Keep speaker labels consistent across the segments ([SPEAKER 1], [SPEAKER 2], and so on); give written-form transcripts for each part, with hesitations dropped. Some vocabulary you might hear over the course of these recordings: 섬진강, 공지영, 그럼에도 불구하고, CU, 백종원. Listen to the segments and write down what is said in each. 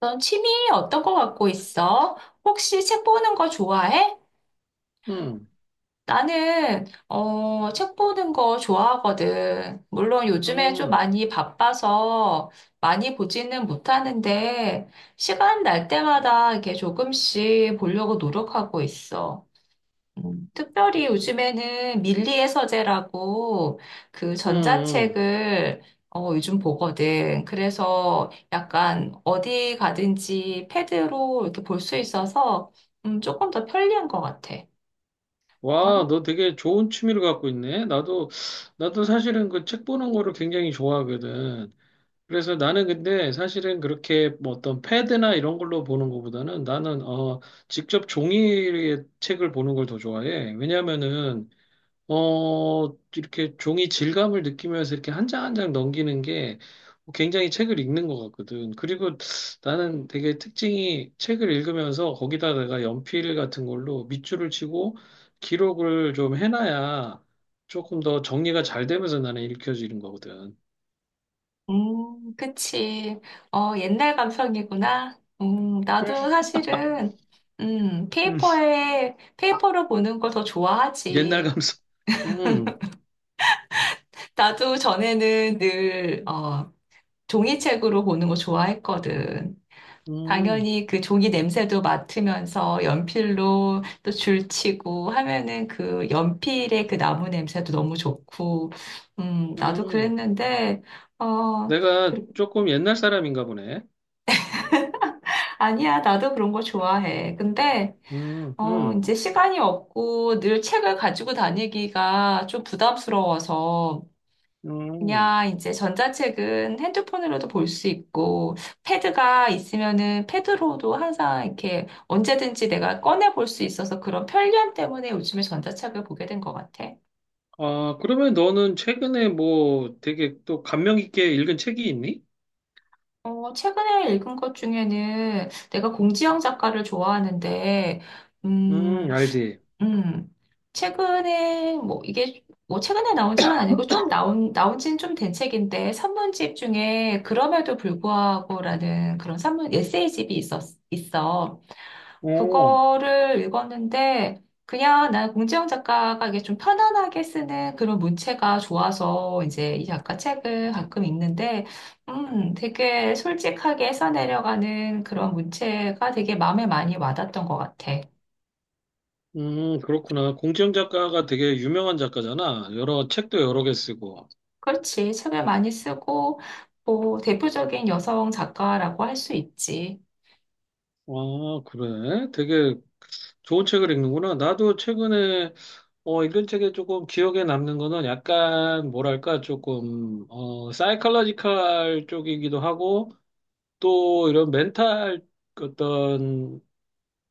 [SPEAKER 1] 넌 취미 어떤 거 갖고 있어? 혹시 책 보는 거 좋아해?
[SPEAKER 2] 응,
[SPEAKER 1] 나는, 책 보는 거 좋아하거든. 물론 요즘에 좀
[SPEAKER 2] 응,
[SPEAKER 1] 많이 바빠서 많이 보지는 못하는데, 시간 날 때마다 이렇게 조금씩 보려고 노력하고 있어. 특별히 요즘에는 밀리의 서재라고 그
[SPEAKER 2] 응, 응.
[SPEAKER 1] 전자책을 요즘 보거든. 그래서 약간 어디 가든지 패드로 이렇게 볼 수 있어서 조금 더 편리한 것 같아.
[SPEAKER 2] 와, 너 되게 좋은 취미를 갖고 있네. 나도 사실은 그 책 보는 거를 굉장히 좋아하거든. 그래서 나는 근데 사실은 그렇게 뭐 어떤 패드나 이런 걸로 보는 것보다는 나는, 직접 종이의 책을 보는 걸 더 좋아해. 왜냐면은 이렇게 종이 질감을 느끼면서 이렇게 한 장 한 장 넘기는 게 굉장히 책을 읽는 것 같거든. 그리고 나는 되게 특징이 책을 읽으면서 거기다 내가 연필 같은 걸로 밑줄을 치고 기록을 좀 해놔야 조금 더 정리가 잘 되면서 나는 읽혀지는 거거든.
[SPEAKER 1] 그치. 옛날 감성이구나.
[SPEAKER 2] 음.
[SPEAKER 1] 나도 사실은
[SPEAKER 2] 음,
[SPEAKER 1] 페이퍼에 페이퍼로 보는 걸 더
[SPEAKER 2] 옛날
[SPEAKER 1] 좋아하지.
[SPEAKER 2] 감성. 음,
[SPEAKER 1] 나도 전에는 늘 종이책으로 보는 거 좋아했거든.
[SPEAKER 2] 음,
[SPEAKER 1] 당연히 그 종이 냄새도 맡으면서 연필로 또 줄치고 하면은 그 연필의 그 나무 냄새도 너무 좋고, 나도
[SPEAKER 2] 음.
[SPEAKER 1] 그랬는데, 어,
[SPEAKER 2] 내가
[SPEAKER 1] 그-
[SPEAKER 2] 조금 옛날 사람인가 보네.
[SPEAKER 1] 아니야, 나도 그런 거 좋아해. 근데,
[SPEAKER 2] 음, 음,
[SPEAKER 1] 이제 시간이 없고 늘 책을 가지고 다니기가 좀 부담스러워서,
[SPEAKER 2] 음.
[SPEAKER 1] 그냥 이제 전자책은 핸드폰으로도 볼 수 있고, 패드가 있으면은 패드로도 항상 이렇게 언제든지 내가 꺼내 볼 수 있어서 그런 편리함 때문에 요즘에 전자책을 보게 된 것 같아.
[SPEAKER 2] 아, 그러면 너는 최근에 뭐 되게 또 감명 깊게 읽은 책이 있니?
[SPEAKER 1] 최근에 읽은 것 중에는 내가 공지영 작가를 좋아하는데, 음,
[SPEAKER 2] 알지.
[SPEAKER 1] 음, 최근에, 뭐, 이게, 뭐, 최근에 나온 책은 아니고, 좀 나온 지는 좀 된 책인데, 산문집 중에, 그럼에도 불구하고라는 그런 산문, 에세이집이 있어.
[SPEAKER 2] 오.
[SPEAKER 1] 그거를 읽었는데, 그냥 난 공지영 작가가 이게 좀 편안하게 쓰는 그런 문체가 좋아서, 이제 이 작가 책을 가끔 읽는데, 되게 솔직하게 써내려가는 그런 문체가 되게 마음에 많이 와닿던 것 같아.
[SPEAKER 2] 그렇구나. 공지영 작가가 되게 유명한 작가잖아. 여러 책도 여러 개 쓰고.
[SPEAKER 1] 그렇지. 책을 많이 쓰고, 뭐, 대표적인 여성 작가라고 할 수 있지.
[SPEAKER 2] 아, 그래? 되게 좋은 책을 읽는구나. 나도 최근에 읽은 책에 조금 기억에 남는 거는 약간 뭐랄까 조금 사이컬러지컬 쪽이기도 하고 또 이런 멘탈 어떤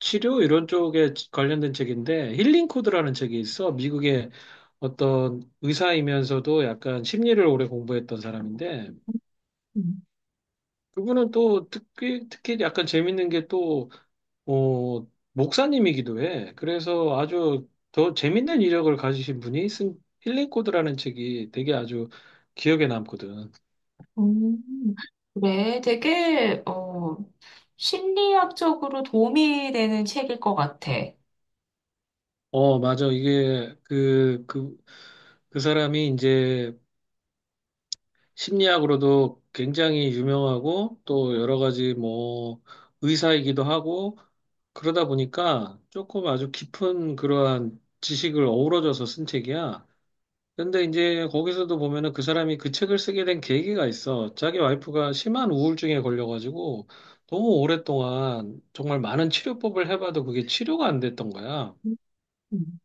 [SPEAKER 2] 치료 이런 쪽에 관련된 책인데 힐링 코드라는 책이 있어. 미국의 어떤 의사이면서도 약간 심리를 오래 공부했던 사람인데
[SPEAKER 1] 음.
[SPEAKER 2] 그분은 또 특히 약간 재밌는 게 또 어, 목사님이기도 해. 그래서 아주 더 재밌는 이력을 가지신 분이 쓴 힐링 코드라는 책이 되게 아주 기억에 남거든.
[SPEAKER 1] 음, 그래. 되게, 심리학적으로 도움이 되는 책일 것 같아.
[SPEAKER 2] 어, 맞아. 이게 그 사람이 이제 심리학으로도 굉장히 유명하고 또 여러 가지 뭐 의사이기도 하고 그러다 보니까 조금 아주 깊은 그러한 지식을 어우러져서 쓴 책이야. 근데 이제 거기서도 보면은 그 사람이 그 책을 쓰게 된 계기가 있어. 자기 와이프가 심한 우울증에 걸려가지고 너무 오랫동안 정말 많은 치료법을 해봐도 그게 치료가 안 됐던 거야.
[SPEAKER 1] 음.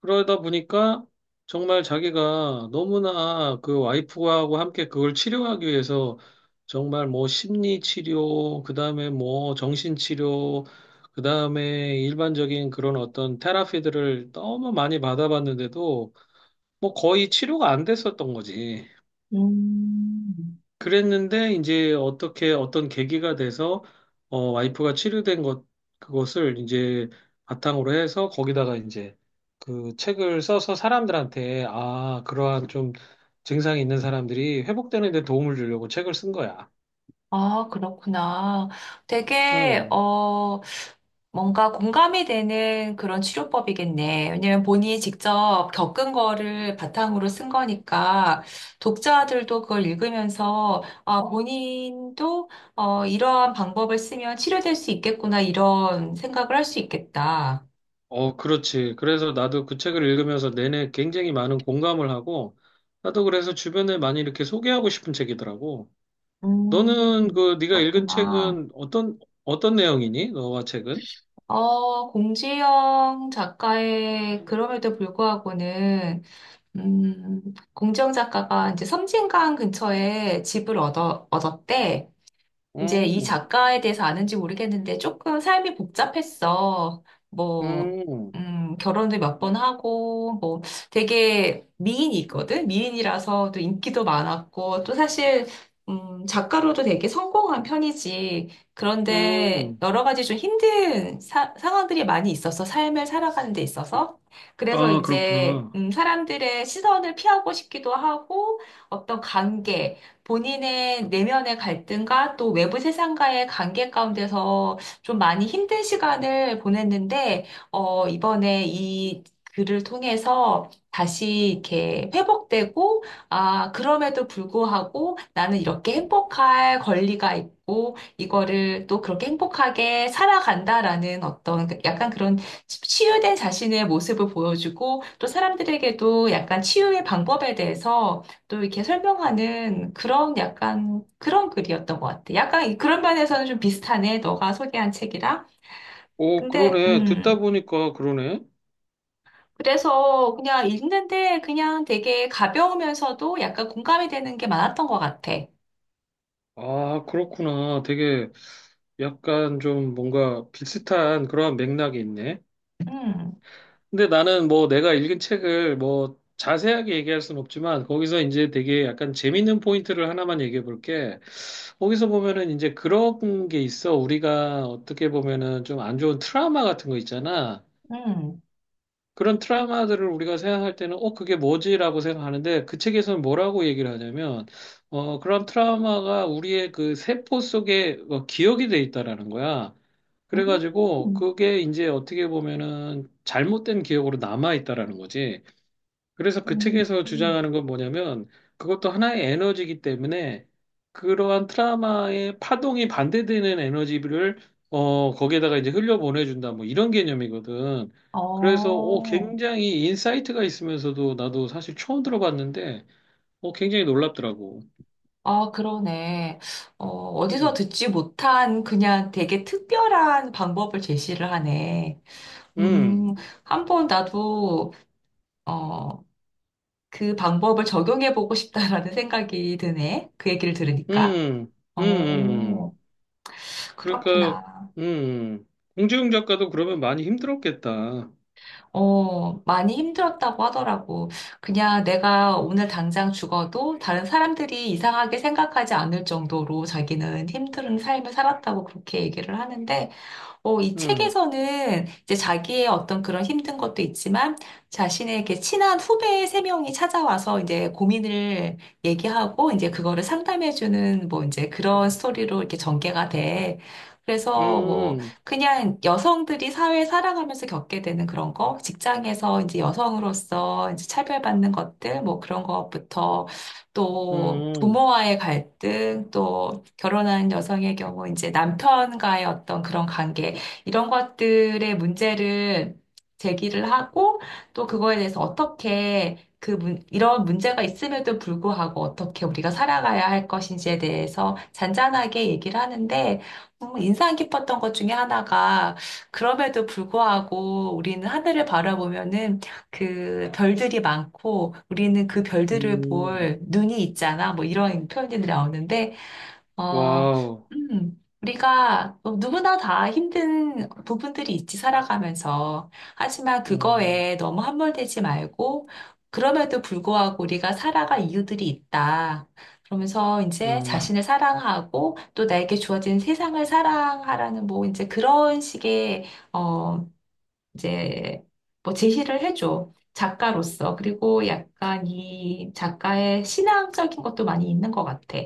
[SPEAKER 2] 그러다 보니까 정말 자기가 너무나 그 와이프하고 함께 그걸 치료하기 위해서 정말 뭐 심리 치료, 그다음에 뭐 정신 치료, 그다음에 일반적인 그런 어떤 테라피들을 너무 많이 받아봤는데도 뭐 거의 치료가 안 됐었던 거지.
[SPEAKER 1] 음.
[SPEAKER 2] 그랬는데 이제 어떻게 어떤 계기가 돼서 와이프가 치료된 것 그것을 이제 바탕으로 해서 거기다가 이제 그 책을 써서 사람들한테 아 그러한 좀 증상이 있는 사람들이 회복되는 데 도움을 주려고 책을 쓴 거야.
[SPEAKER 1] 아, 그렇구나. 되게,
[SPEAKER 2] 음.
[SPEAKER 1] 뭔가 공감이 되는 그런 치료법이겠네. 왜냐면 본인이 직접 겪은 거를 바탕으로 쓴 거니까 독자들도 그걸 읽으면서 아, 본인도 이러한 방법을 쓰면 치료될 수 있겠구나 이런 생각을 할 수 있겠다.
[SPEAKER 2] 어, 그렇지. 그래서 나도 그 책을 읽으면서 내내 굉장히 많은 공감을 하고 나도 그래서 주변에 많이 이렇게 소개하고 싶은 책이더라고.
[SPEAKER 1] 음,
[SPEAKER 2] 너는 그 네가 읽은
[SPEAKER 1] 그렇구나.
[SPEAKER 2] 책은 어떤 내용이니? 너와 책은?
[SPEAKER 1] 공지영 작가의 그럼에도 불구하고는 음, 공정 작가가 이제 섬진강 근처에 집을 얻었대. 이제 이
[SPEAKER 2] 음,
[SPEAKER 1] 작가에 대해서 아는지 모르겠는데 조금 삶이 복잡했어. 뭐,
[SPEAKER 2] 음,
[SPEAKER 1] 결혼도 몇 번 하고, 뭐, 되게 미인이거든? 미인이라서 또 인기도 많았고, 또 사실, 작가로도 되게 성공한 편이지. 그런데
[SPEAKER 2] 음.
[SPEAKER 1] 여러 가지 좀 힘든 상황들이 많이 있어서 삶을 살아가는 데 있어서. 그래서
[SPEAKER 2] 아,
[SPEAKER 1] 이제,
[SPEAKER 2] 그렇구나.
[SPEAKER 1] 사람들의 시선을 피하고 싶기도 하고, 어떤 관계, 본인의 내면의 갈등과 또 외부 세상과의 관계 가운데서 좀 많이 힘든 시간을 보냈는데, 이번에 이 글을 통해서 다시 이렇게 회복되고, 아, 그럼에도 불구하고 나는 이렇게 행복할 권리가 있고, 이거를 또 그렇게 행복하게 살아간다라는 어떤 그 약간 그런 치유된 자신의 모습을 보여주고, 또 사람들에게도 약간 치유의 방법에 대해서 또 이렇게 설명하는 그런 약간 그런 글이었던 것 같아. 약간 그런 면에서는 좀 비슷하네. 너가 소개한 책이랑.
[SPEAKER 2] 오,
[SPEAKER 1] 근데
[SPEAKER 2] 그러네. 듣다 보니까 그러네.
[SPEAKER 1] 그래서 그냥 읽는데 그냥 되게 가벼우면서도 약간 공감이 되는 게 많았던 것 같아.
[SPEAKER 2] 아, 그렇구나. 되게 약간 좀 뭔가 비슷한 그런 맥락이 있네.
[SPEAKER 1] 음,
[SPEAKER 2] 근데 나는 뭐 내가 읽은 책을 뭐 자세하게 얘기할 순 없지만 거기서 이제 되게 약간 재밌는 포인트를 하나만 얘기해 볼게. 거기서 보면은 이제 그런 게 있어. 우리가 어떻게 보면은 좀 안 좋은 트라우마 같은 거 있잖아.
[SPEAKER 1] 음,
[SPEAKER 2] 그런 트라우마들을 우리가 생각할 때는, 그게 뭐지라고 생각하는데, 그 책에서는 뭐라고 얘기를 하냐면, 그런 트라우마가 우리의 그 세포 속에 기억이 돼 있다라는 거야. 그래가지고,
[SPEAKER 1] 음,
[SPEAKER 2] 그게 이제 어떻게 보면은 잘못된 기억으로 남아 있다라는 거지. 그래서 그
[SPEAKER 1] 음,
[SPEAKER 2] 책에서
[SPEAKER 1] 음.
[SPEAKER 2] 주장하는 건 뭐냐면 그것도 하나의 에너지이기 때문에 그러한 트라마의 파동이 반대되는 에너지를 거기에다가 이제 흘려보내준다 뭐 이런 개념이거든. 그래서
[SPEAKER 1] 어,
[SPEAKER 2] 굉장히 인사이트가 있으면서도 나도 사실 처음 들어봤는데 굉장히 놀랍더라고.
[SPEAKER 1] 아, 그러네. 어디서
[SPEAKER 2] 음,
[SPEAKER 1] 듣지 못한 그냥 되게 특별한 방법을 제시를 하네.
[SPEAKER 2] 음,
[SPEAKER 1] 음, 한번 나도 어, 그 방법을 적용해보고 싶다라는 생각이 드네. 그 얘기를 들으니까.
[SPEAKER 2] 음,
[SPEAKER 1] 어,
[SPEAKER 2] 음. 그러니까
[SPEAKER 1] 그렇구나.
[SPEAKER 2] 음 공지웅 작가도 그러면 많이 힘들었겠다.
[SPEAKER 1] 많이 힘들었다고 하더라고. 그냥 내가 오늘 당장 죽어도 다른 사람들이 이상하게 생각하지 않을 정도로 자기는 힘든 삶을 살았다고 그렇게 얘기를 하는데, 이
[SPEAKER 2] 음,
[SPEAKER 1] 책에서는 이제 자기의 어떤 그런 힘든 것도 있지만 자신에게 친한 후배 세 명이 찾아와서 이제 고민을 얘기하고 이제 그거를 상담해주는 뭐 이제 그런 스토리로 이렇게 전개가 돼. 그래서 뭐
[SPEAKER 2] 음,
[SPEAKER 1] 그냥 여성들이 사회 살아가면서 겪게 되는 그런 거, 직장에서 이제 여성으로서 이제 차별받는 것들, 뭐 그런 것부터 또
[SPEAKER 2] 음.
[SPEAKER 1] 부모와의 갈등, 또 결혼한 여성의 경우 이제 남편과의 어떤 그런 관계, 이런 것들의 문제를 제기를 하고 또 그거에 대해서 어떻게 그 이런 문제가 있음에도 불구하고 어떻게 우리가 살아가야 할 것인지에 대해서 잔잔하게 얘기를 하는데 인상 깊었던 것 중에 하나가 그럼에도 불구하고 우리는 하늘을 바라보면은 그 별들이 많고 우리는 그 별들을
[SPEAKER 2] 음.
[SPEAKER 1] 볼 눈이 있잖아 뭐 이런 표현이 나오는데 어,
[SPEAKER 2] 와우.
[SPEAKER 1] 우리가 누구나 다 힘든 부분들이 있지, 살아가면서. 하지만
[SPEAKER 2] 음,
[SPEAKER 1] 그거에 너무 함몰되지 말고, 그럼에도 불구하고 우리가 살아갈 이유들이 있다. 그러면서 이제
[SPEAKER 2] 음,
[SPEAKER 1] 자신을 사랑하고 또 나에게 주어진 세상을 사랑하라는 뭐 이제 그런 식의, 어, 이제 뭐 제시를 해줘. 작가로서. 그리고 약간 이 작가의 신앙적인 것도 많이 있는 것 같아.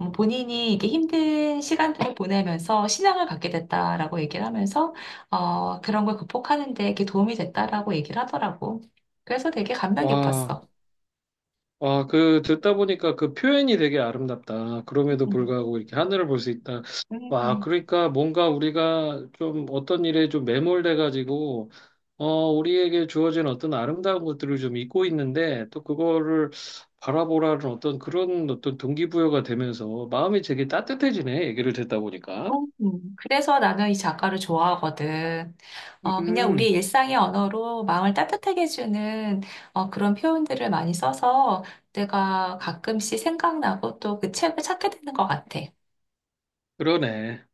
[SPEAKER 1] 본인이 이게 힘든 시간들을 보내면서 신앙을 갖게 됐다라고 얘기를 하면서, 그런 걸 극복하는 데 이게 도움이 됐다라고 얘기를 하더라고. 그래서 되게 감명 깊었어.
[SPEAKER 2] 와. 와, 듣다 보니까 그 표현이 되게 아름답다. 그럼에도
[SPEAKER 1] 음.
[SPEAKER 2] 불구하고 이렇게 하늘을 볼 수 있다. 와,
[SPEAKER 1] 음.
[SPEAKER 2] 그러니까 뭔가 우리가 좀 어떤 일에 좀 매몰돼가지고, 어, 우리에게 주어진 어떤 아름다운 것들을 좀 잊고 있는데, 또 그거를 바라보라는 어떤 그런 어떤 동기부여가 되면서 마음이 되게 따뜻해지네. 얘기를 듣다 보니까.
[SPEAKER 1] 그래서 나는 이 작가를 좋아하거든. 그냥 우리
[SPEAKER 2] 음,
[SPEAKER 1] 일상의 언어로 마음을 따뜻하게 해주는 그런 표현들을 많이 써서 내가 가끔씩 생각나고 또 그 책을 찾게 되는 것 같아.
[SPEAKER 2] 그러네.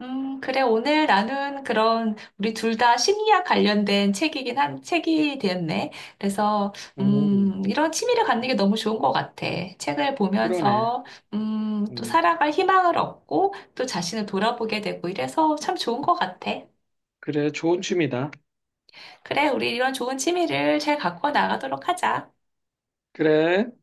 [SPEAKER 1] 그래. 오늘 나눈 그런 우리 둘 다 심리학 관련된 책이긴 한 책이 되었네. 그래서
[SPEAKER 2] 음,
[SPEAKER 1] 이런 취미를 갖는 게 너무 좋은 것 같아. 책을
[SPEAKER 2] 그러네.
[SPEAKER 1] 보면서 또
[SPEAKER 2] 음,
[SPEAKER 1] 살아갈 희망을 얻고 또 자신을 돌아보게 되고 이래서 참 좋은 것 같아.
[SPEAKER 2] 그래, 좋은 취미다.
[SPEAKER 1] 그래, 우리 이런 좋은 취미를 잘 갖고 나가도록 하자.
[SPEAKER 2] 그래.